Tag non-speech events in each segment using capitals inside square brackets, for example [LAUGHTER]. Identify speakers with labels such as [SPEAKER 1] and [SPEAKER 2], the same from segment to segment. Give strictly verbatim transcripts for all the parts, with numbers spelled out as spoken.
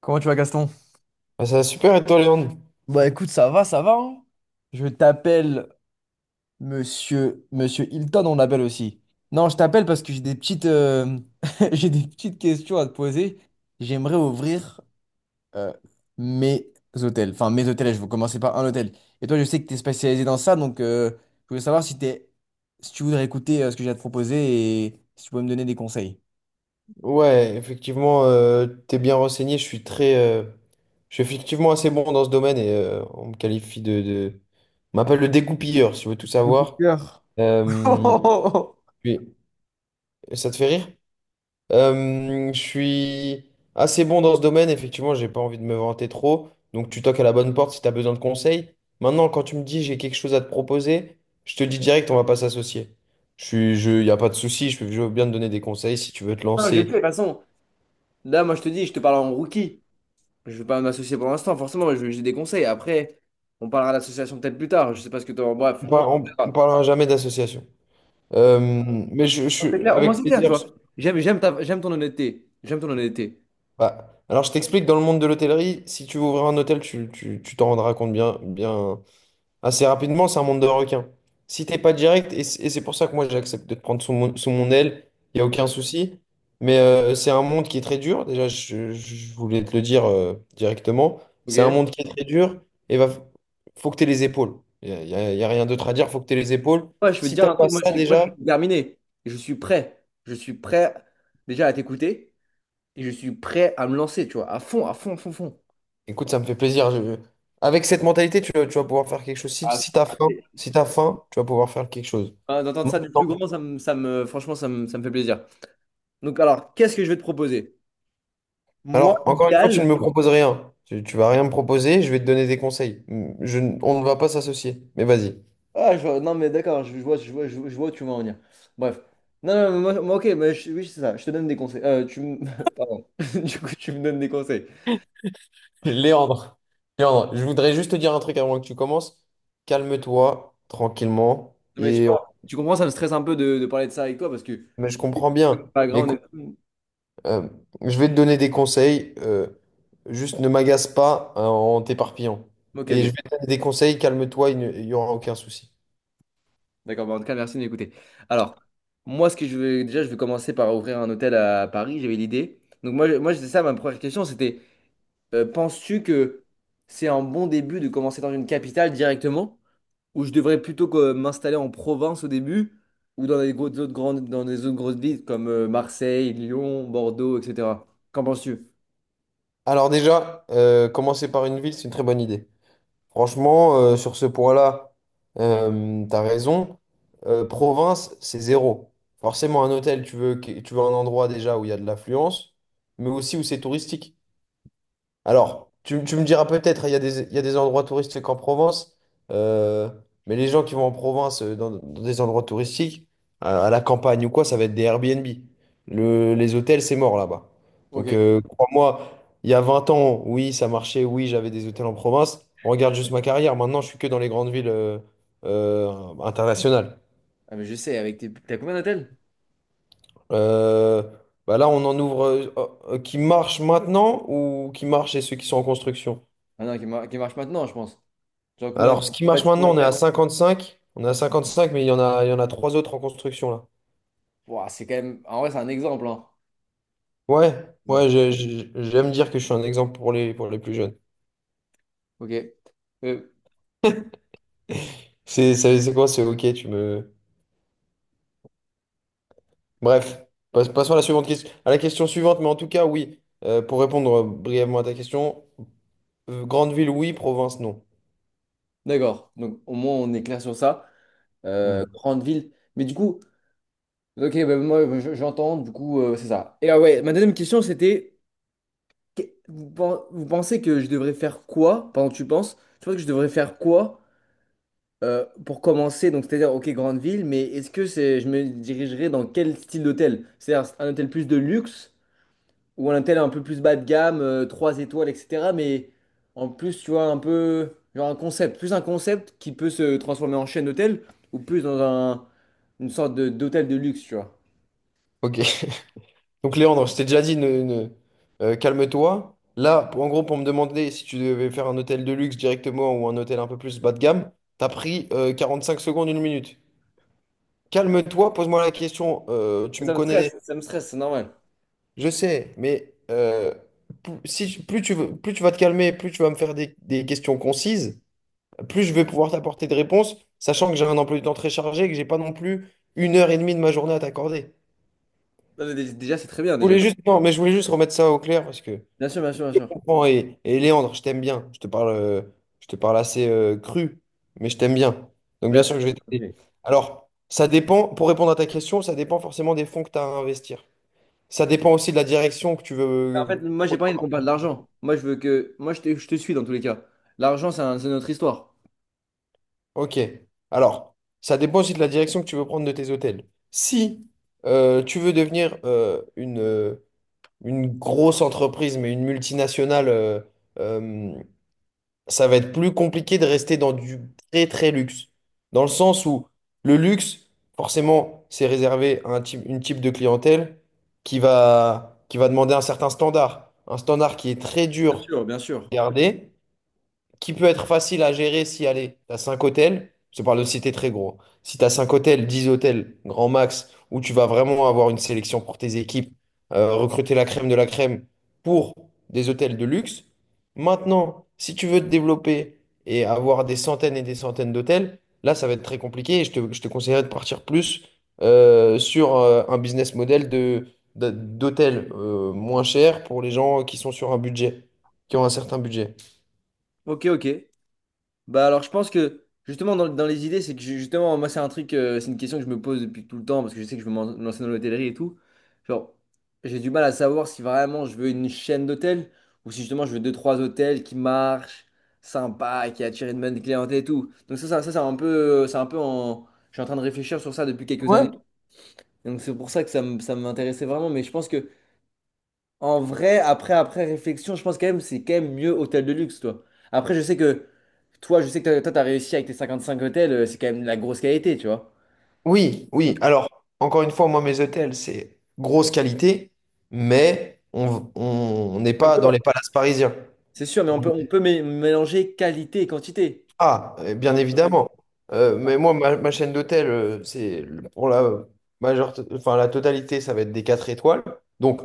[SPEAKER 1] Comment tu vas, Gaston?
[SPEAKER 2] Ah, ça va super, et toi, Léon?
[SPEAKER 1] Bah écoute, ça va, ça va, hein. Je t'appelle Monsieur Monsieur Hilton, on l'appelle aussi. Non, je t'appelle parce que j'ai des petites euh, [LAUGHS] j'ai des petites questions à te poser. J'aimerais ouvrir euh, mes hôtels. Enfin, mes hôtels, je vais commencer par un hôtel. Et toi, je sais que tu es spécialisé dans ça, donc euh, je voulais savoir si t'es si tu voudrais écouter euh, ce que j'ai à te proposer et si tu peux me donner des conseils.
[SPEAKER 2] Ouais, effectivement, euh, t'es bien renseigné. Je suis très, euh, je suis effectivement assez bon dans ce domaine et euh, on me qualifie de, de- on m'appelle le dégoupilleur, si tu veux tout
[SPEAKER 1] Mon coup de
[SPEAKER 2] savoir.
[SPEAKER 1] cœur.
[SPEAKER 2] Euh,
[SPEAKER 1] [LAUGHS]
[SPEAKER 2] puis- Ça te fait rire? Euh, je suis assez bon dans ce domaine, effectivement, j'ai pas envie de me vanter trop. Donc, tu toques à la bonne porte si tu as besoin de conseils. Maintenant, quand tu me dis j'ai quelque chose à te proposer, je te dis direct, on va pas s'associer. Je suis, je, y a pas de souci, je peux je veux bien te donner des conseils si tu veux te
[SPEAKER 1] Non, je sais, de
[SPEAKER 2] lancer.
[SPEAKER 1] toute façon, là, moi, je te dis, je te parle en rookie. Je veux pas m'associer pour l'instant, forcément, mais je- j'ai des conseils. Après, on parlera de l'association peut-être plus tard. Je sais pas ce que tu en. Bref,
[SPEAKER 2] On
[SPEAKER 1] on
[SPEAKER 2] par- on- on
[SPEAKER 1] verra.
[SPEAKER 2] parlera jamais d'association. Euh, mais je, je-
[SPEAKER 1] Non, c'est
[SPEAKER 2] suis
[SPEAKER 1] clair, au moins
[SPEAKER 2] avec
[SPEAKER 1] c'est clair, tu
[SPEAKER 2] plaisir.
[SPEAKER 1] vois. J'aime, j'aime ta- j'aime ton honnêteté. J'aime ton honnêteté.
[SPEAKER 2] Bah, alors, je t'explique, dans le monde de l'hôtellerie, si tu veux ouvrir un hôtel, tu, tu- tu t'en rendras compte bien, bien assez rapidement. C'est un monde de requins. Si t'es pas direct, et c'est et c'est pour ça que moi j'accepte de te prendre sous mon, sous mon aile, il n'y a aucun souci. Mais euh, c'est un monde qui est très dur. Déjà, je, je voulais te le dire euh, directement. C'est un
[SPEAKER 1] Ok?
[SPEAKER 2] monde qui est très dur et va, faut que tu aies les épaules. Il n'y a, y a- y a rien d'autre à dire, faut que tu aies les épaules.
[SPEAKER 1] Moi, je veux te
[SPEAKER 2] Si
[SPEAKER 1] dire
[SPEAKER 2] t'as
[SPEAKER 1] un
[SPEAKER 2] pas
[SPEAKER 1] truc, moi,
[SPEAKER 2] ça
[SPEAKER 1] c'est que moi, je suis
[SPEAKER 2] déjà.
[SPEAKER 1] déterminé. Je suis prêt. Je suis prêt déjà à t'écouter et je suis prêt à me lancer, tu vois, à fond, à fond, à fond, à fond.
[SPEAKER 2] Écoute, ça me fait plaisir. je- Avec cette mentalité, tu, vas- tu vas pouvoir faire quelque chose. Si,
[SPEAKER 1] Ah,
[SPEAKER 2] si t'as faim,
[SPEAKER 1] c'est-
[SPEAKER 2] si t'as faim, tu vas pouvoir faire quelque chose.
[SPEAKER 1] ah, d'entendre ça du plus
[SPEAKER 2] Maintenant.
[SPEAKER 1] grand, ça me, ça me- franchement, ça me, ça me fait plaisir. Donc, alors, qu'est-ce que je vais te proposer? Moi,
[SPEAKER 2] Alors, encore une fois, tu ne
[SPEAKER 1] l'idéal.
[SPEAKER 2] me proposes rien. Tu, tu vas rien me proposer, je vais te donner des conseils. Je n- on ne va pas s'associer, mais vas-y.
[SPEAKER 1] Ah, je vois- non, mais d'accord, je, je vois, je vois, je, vois je vois où tu veux en venir. Bref. Non, non, mais moi, moi, ok, mais je- oui, c'est ça, je te donne des conseils. Euh, tu me. [LAUGHS] Pardon. [LAUGHS] Du coup, tu me donnes des conseils.
[SPEAKER 2] [LAUGHS] Léandre, Léandre, je voudrais juste te dire un truc avant que tu commences. Calme-toi, tranquillement.
[SPEAKER 1] Non, mais tu
[SPEAKER 2] Et... on-
[SPEAKER 1] vois, tu comprends, ça me stresse un peu de, de parler de ça avec toi parce que
[SPEAKER 2] Mais je comprends bien.
[SPEAKER 1] pas
[SPEAKER 2] Mais
[SPEAKER 1] grand, on
[SPEAKER 2] écoute.
[SPEAKER 1] est.
[SPEAKER 2] Euh, je vais te donner des conseils. Euh, juste ne m'agace pas euh, en t'éparpillant.
[SPEAKER 1] Ok,
[SPEAKER 2] Et je
[SPEAKER 1] ok.
[SPEAKER 2] vais te donner des conseils, calme-toi, il n'y aura aucun souci.
[SPEAKER 1] D'accord, bah, en tout cas, merci de m'écouter. Alors, moi, ce que je vais déjà, je vais commencer par ouvrir un hôtel à Paris, j'avais l'idée. Donc, moi, je- moi c'était ça, ma première question, c'était, euh, penses-tu que c'est un bon début de commencer dans une capitale directement? Où je devrais plutôt que m'installer en Provence au début, ou dans des gros- autres grandes, dans des autres grosses villes comme euh, Marseille, Lyon, Bordeaux, et cetera. Qu'en penses-tu?
[SPEAKER 2] Alors déjà, euh, commencer par une ville, c'est une très bonne idée. Franchement, euh, sur ce point-là, euh, t'as raison. Euh, province, c'est zéro. Forcément, un hôtel, tu veux, que- tu veux un endroit déjà où il y a de l'affluence, mais aussi où c'est touristique. Alors, tu, tu me diras peut-être, il y a des, il y a des endroits touristiques en Provence, euh, mais les gens qui vont en province, euh, dans, dans des endroits touristiques, à, à la campagne ou quoi, ça va être des Airbnb. Le- les hôtels, c'est mort là-bas.
[SPEAKER 1] Ok.
[SPEAKER 2] Donc, euh, crois-moi, il y a vingt ans, oui, ça marchait, oui, j'avais des hôtels en province. Regarde juste ma carrière, maintenant, je suis que dans les grandes villes euh, euh, internationales.
[SPEAKER 1] Ah mais je sais, avec tes. T'as combien d'hôtels?
[SPEAKER 2] Euh, Bah là, on en ouvre euh, euh, qui marchent maintenant ou qui marchent et ceux qui sont en construction?
[SPEAKER 1] Ah non, qui, mar- qui marchent maintenant, je pense. Genre combien
[SPEAKER 2] Alors,
[SPEAKER 1] de
[SPEAKER 2] ce qui marche
[SPEAKER 1] bâtiments
[SPEAKER 2] maintenant, on est à
[SPEAKER 1] verts?
[SPEAKER 2] cinquante-cinq. On est à cinquante-cinq, mais il y en a, il y en a trois autres en construction là.
[SPEAKER 1] Ouah, c'est quand même. En vrai, c'est un exemple, hein.
[SPEAKER 2] Ouais, ouais,
[SPEAKER 1] Donc,
[SPEAKER 2] j'ai- j'ai- j'aime dire que je suis un exemple pour les, pour les plus jeunes.
[SPEAKER 1] ok. Euh,
[SPEAKER 2] C'est c'est- c'est quoi? C'est ok, tu me. Bref, passe- passons à la suivante question, à la question suivante, mais en tout cas, oui. Euh, pour répondre brièvement à ta question, euh, grande ville, oui, province, non.
[SPEAKER 1] d'accord. Donc, au moins, on est clair sur ça.
[SPEAKER 2] Hmm.
[SPEAKER 1] Euh, grande ville. Mais du coup, ok, bah, moi, je- j'entends, du coup, euh, c'est ça. Et ah ouais, ma deuxième question, c'était. Que- Vous pen- vous pensez que je devrais faire quoi pendant que tu penses? Tu penses que je devrais faire quoi euh, pour commencer? Donc, c'est-à-dire, ok, grande ville, mais est-ce que c'est, je me dirigerai dans quel style d'hôtel? C'est-à-dire un hôtel plus de luxe ou un hôtel un peu plus bas de gamme, euh, trois 3 étoiles, et cetera. Mais en plus, tu vois, un peu, genre un concept, plus un concept qui peut se transformer en chaîne d'hôtel ou plus dans un, une sorte de- d'hôtel de luxe, tu vois.
[SPEAKER 2] Ok. Donc Léandre, je t'ai déjà dit, ne, ne- euh, calme-toi. Là, pour- en gros, pour me demander si tu devais faire un hôtel de luxe directement ou un hôtel un peu plus bas de gamme, t'as pris euh, quarante-cinq secondes, une minute. Calme-toi, pose-moi la question. Euh, tu me
[SPEAKER 1] Ça me
[SPEAKER 2] connais,
[SPEAKER 1] stresse, ça me stresse, c'est normal.
[SPEAKER 2] je sais, mais euh, plus, si- plus tu veux- plus tu vas te calmer, plus tu vas me faire des, des questions concises, plus je vais pouvoir t'apporter des réponses, sachant que j'ai un emploi du temps très chargé et que j'ai pas non plus une heure et demie de ma journée à t'accorder.
[SPEAKER 1] Non, mais dé- déjà, c'est très bien,
[SPEAKER 2] Je
[SPEAKER 1] déjà.
[SPEAKER 2] voulais juste, non, mais je voulais juste remettre ça au clair parce que
[SPEAKER 1] Bien sûr, bien sûr, bien
[SPEAKER 2] je te
[SPEAKER 1] sûr.
[SPEAKER 2] comprends. Et, et Léandre, je t'aime bien. Je te parle, euh, je te parle assez euh, cru, mais je t'aime bien. Donc, bien
[SPEAKER 1] Merci.
[SPEAKER 2] sûr que je vais t'aider.
[SPEAKER 1] Ok.
[SPEAKER 2] Alors, ça dépend, pour répondre à ta question, ça dépend forcément des fonds que tu as à investir. Ça dépend aussi de la direction que tu
[SPEAKER 1] En
[SPEAKER 2] veux
[SPEAKER 1] fait,
[SPEAKER 2] euh,
[SPEAKER 1] moi, j'ai pas envie de qu'on parle de
[SPEAKER 2] prendre.
[SPEAKER 1] l'argent. Moi, je veux que. Moi, je te, je te suis dans tous les cas. L'argent, c'est un- c'est notre histoire.
[SPEAKER 2] Ok. Alors, ça dépend aussi de la direction que tu veux prendre de tes hôtels. Si euh, tu veux devenir euh, une, euh, une grosse entreprise, mais une multinationale, euh, euh, ça va être plus compliqué de rester dans du très très luxe. Dans le sens où le luxe, forcément, c'est réservé à un type, une type de clientèle qui va, qui va demander un certain standard. Un standard qui est très
[SPEAKER 1] Bien
[SPEAKER 2] dur
[SPEAKER 1] sûr, bien
[SPEAKER 2] à
[SPEAKER 1] sûr.
[SPEAKER 2] garder qui peut être facile à gérer si, allez, t'as cinq hôtels, je te parle de cités très gros. Si t'as cinq hôtels, dix hôtels, grand max, où tu vas vraiment avoir une sélection pour tes équipes, euh, recruter la crème de la crème pour des hôtels de luxe. Maintenant, si tu veux te développer et avoir des centaines et des centaines d'hôtels, là, ça va être très compliqué et je te, je te conseillerais de partir plus euh, sur euh, un business model de, de- d'hôtels euh, moins chers pour les gens qui sont sur un budget, qui ont un certain budget.
[SPEAKER 1] Ok, ok. Bah alors, je pense que justement, dans, dans les idées, c'est que ju- justement, moi, c'est un truc, euh, c'est une question que je me pose depuis tout le temps parce que je sais que je veux m'en- me lancer dans l'hôtellerie et tout. Genre, j'ai du mal à savoir si vraiment je veux une chaîne d'hôtels ou si justement je veux deux, trois hôtels qui marchent, sympas, qui attirent une bonne clientèle et tout. Donc, ça, ça, ça, c'est un peu, c'est un peu, en. Je suis en train de réfléchir sur ça depuis quelques
[SPEAKER 2] Ouais.
[SPEAKER 1] années. Donc c'est pour ça que ça m- ça m'intéressait vraiment. Mais je pense que en vrai, après, après réflexion, je pense quand même c'est quand même mieux hôtel de luxe, toi. Après, je sais que toi, je sais que t'as- toi, t'as réussi avec tes cinquante-cinq hôtels, euh, c'est quand même de la grosse qualité, tu vois.
[SPEAKER 2] Oui, oui. Alors, encore une fois, moi, mes hôtels, c'est grosse qualité, mais on on n'est
[SPEAKER 1] Comme
[SPEAKER 2] pas dans
[SPEAKER 1] quoi.
[SPEAKER 2] les palaces parisiens.
[SPEAKER 1] C'est sûr, mais on
[SPEAKER 2] On-
[SPEAKER 1] peut, on peut mé- mélanger qualité et quantité.
[SPEAKER 2] Ah, euh, bien
[SPEAKER 1] Un peu.
[SPEAKER 2] évidemment. Euh, mais moi, ma, ma chaîne d'hôtels, euh, c'est le- pour la majeure, enfin, la totalité, ça va être des quatre étoiles. Donc,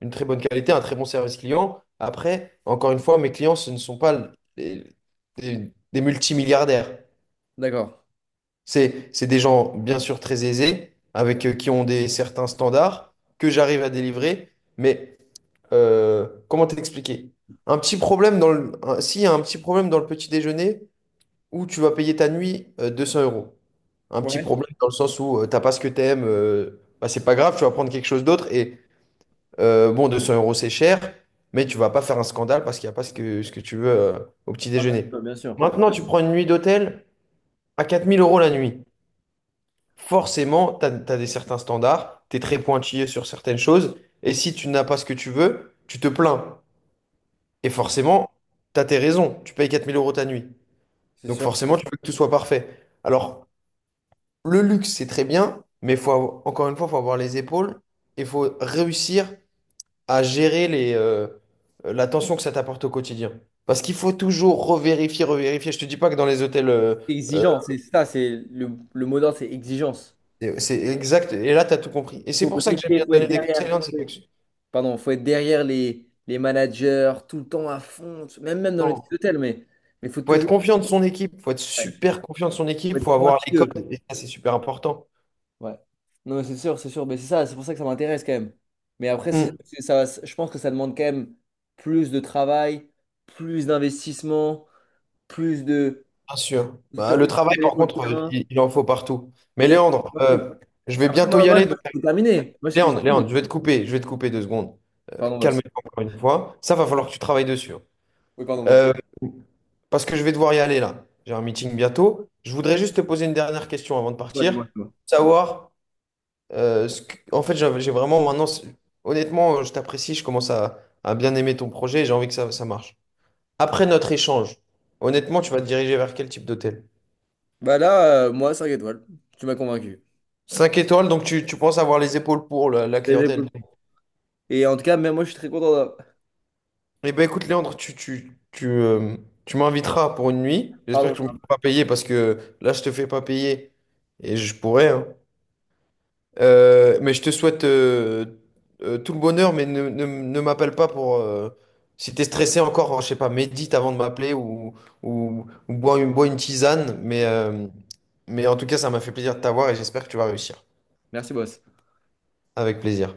[SPEAKER 2] une très bonne qualité, un très bon service client. Après, encore une fois, mes clients, ce ne sont pas les- des, des multimilliardaires.
[SPEAKER 1] D'accord.
[SPEAKER 2] C'est, c'est des gens, bien sûr, très aisés, avec euh, qui ont des certains standards que j'arrive à délivrer. Mais euh, comment t'expliquer? Un petit problème dans le, un- S'il y a un petit problème dans le petit déjeuner où tu vas payer ta nuit euh, deux cents euros. Un petit
[SPEAKER 1] Ouais.
[SPEAKER 2] problème dans le sens où euh, t'as pas ce que t'aimes, euh, bah, c'est pas grave, tu vas prendre quelque chose d'autre. Et euh, bon, deux cents euros, c'est cher, mais tu vas pas faire un scandale parce qu'il n'y a pas ce que, ce que tu veux euh, au petit
[SPEAKER 1] Voilà.
[SPEAKER 2] déjeuner.
[SPEAKER 1] Toi, bien sûr.
[SPEAKER 2] Maintenant, tu prends une nuit d'hôtel à quatre mille euros la nuit forcément, tu as, des certains standards, tu es très pointillé sur certaines choses, et si tu n'as pas ce que tu veux, tu te plains. Et forcément, tu as tes raisons, tu payes quatre mille euros ta nuit.
[SPEAKER 1] C'est
[SPEAKER 2] Donc
[SPEAKER 1] sûr.
[SPEAKER 2] forcément, tu veux que tout soit parfait. Alors, le luxe, c'est très bien, mais faut avoir- encore une fois, il faut avoir les épaules et il faut réussir à gérer les, euh, la tension que ça t'apporte au quotidien. Parce qu'il faut toujours revérifier, revérifier. Je te dis pas que dans les hôtels, euh,
[SPEAKER 1] C'est
[SPEAKER 2] euh,
[SPEAKER 1] exigeant, c'est ça, c'est le, le mot d'ordre, c'est exigence.
[SPEAKER 2] c'est c'est exact. Et là, tu as tout compris. Et c'est
[SPEAKER 1] Faut
[SPEAKER 2] pour ça que j'aime
[SPEAKER 1] briller,
[SPEAKER 2] bien te
[SPEAKER 1] faut être
[SPEAKER 2] donner des
[SPEAKER 1] derrière.
[SPEAKER 2] conseils, hein. c'est pas que-
[SPEAKER 1] Pardon, faut être derrière les, les managers, tout le temps à fond, même, même dans le petit
[SPEAKER 2] Non.
[SPEAKER 1] hôtel, mais il faut
[SPEAKER 2] Faut être
[SPEAKER 1] toujours
[SPEAKER 2] confiant de son équipe, faut être
[SPEAKER 1] ouais,
[SPEAKER 2] super confiant de son
[SPEAKER 1] faut
[SPEAKER 2] équipe,
[SPEAKER 1] être
[SPEAKER 2] faut avoir les
[SPEAKER 1] pointilleux.
[SPEAKER 2] codes, et ça c'est super important.
[SPEAKER 1] Ouais. Non, mais c'est sûr, c'est sûr, mais c'est ça, c'est pour ça que ça m'intéresse quand même. Mais après, c'est
[SPEAKER 2] Mm,
[SPEAKER 1] c'est- ça, va- je pense que ça demande quand même plus de travail, plus d'investissement, plus de.
[SPEAKER 2] bien sûr. Bah, le travail,
[SPEAKER 1] D'aller
[SPEAKER 2] par
[SPEAKER 1] sur le
[SPEAKER 2] contre, euh,
[SPEAKER 1] terrain.
[SPEAKER 2] il, il en faut partout. Mais
[SPEAKER 1] Bien sûr, c'est
[SPEAKER 2] Léandre,
[SPEAKER 1] pas tout.
[SPEAKER 2] euh, je vais
[SPEAKER 1] Après,
[SPEAKER 2] bientôt
[SPEAKER 1] moi,
[SPEAKER 2] y
[SPEAKER 1] moi, je
[SPEAKER 2] aller.
[SPEAKER 1] pense
[SPEAKER 2] donc-
[SPEAKER 1] que c'est terminé. Moi, ce que je
[SPEAKER 2] Léandre,
[SPEAKER 1] dis.
[SPEAKER 2] Léandre, je vais te couper, je vais te couper deux secondes. Euh,
[SPEAKER 1] Pardon, boss.
[SPEAKER 2] calme-toi encore une fois. Ça va falloir que tu travailles dessus, hein.
[SPEAKER 1] Oui, pardon, boss.
[SPEAKER 2] Euh, Parce que je vais devoir y aller là. J'ai un meeting bientôt. Je voudrais juste te poser une dernière question avant de
[SPEAKER 1] Toi,
[SPEAKER 2] partir.
[SPEAKER 1] dis-moi, dis-moi.
[SPEAKER 2] Savoir, euh, ce que- en fait, j'avais- j'ai vraiment maintenant, c'est- Honnêtement, je t'apprécie, je commence à, à bien aimer ton projet et j'ai envie que ça, ça marche. Après notre échange,
[SPEAKER 1] Du-
[SPEAKER 2] honnêtement, tu vas te diriger vers quel type d'hôtel?
[SPEAKER 1] Bah là, euh, moi, cinq étoiles. Tu m'as convaincu.
[SPEAKER 2] Cinq étoiles, donc tu, tu penses avoir les épaules pour la, la
[SPEAKER 1] Les
[SPEAKER 2] clientèle.
[SPEAKER 1] épaules. Et en tout cas, même moi, je suis très content. de-
[SPEAKER 2] Eh ben écoute, Léandre, tu, tu, tu, euh, tu m'inviteras pour une nuit. J'espère
[SPEAKER 1] Pardon,
[SPEAKER 2] que tu ne me
[SPEAKER 1] Charles.
[SPEAKER 2] feras pas payer parce que là, je te fais pas payer et je pourrais, hein. Euh, mais je te souhaite euh, euh, tout le bonheur, mais ne, ne, ne m'appelle pas pour. Euh, si tu es stressé encore, je sais pas, médite avant de m'appeler ou, ou, ou bois une, bois une tisane. Mais, euh, mais en tout cas, ça m'a fait plaisir de t'avoir et j'espère que tu vas réussir.
[SPEAKER 1] Merci, boss.
[SPEAKER 2] Avec plaisir.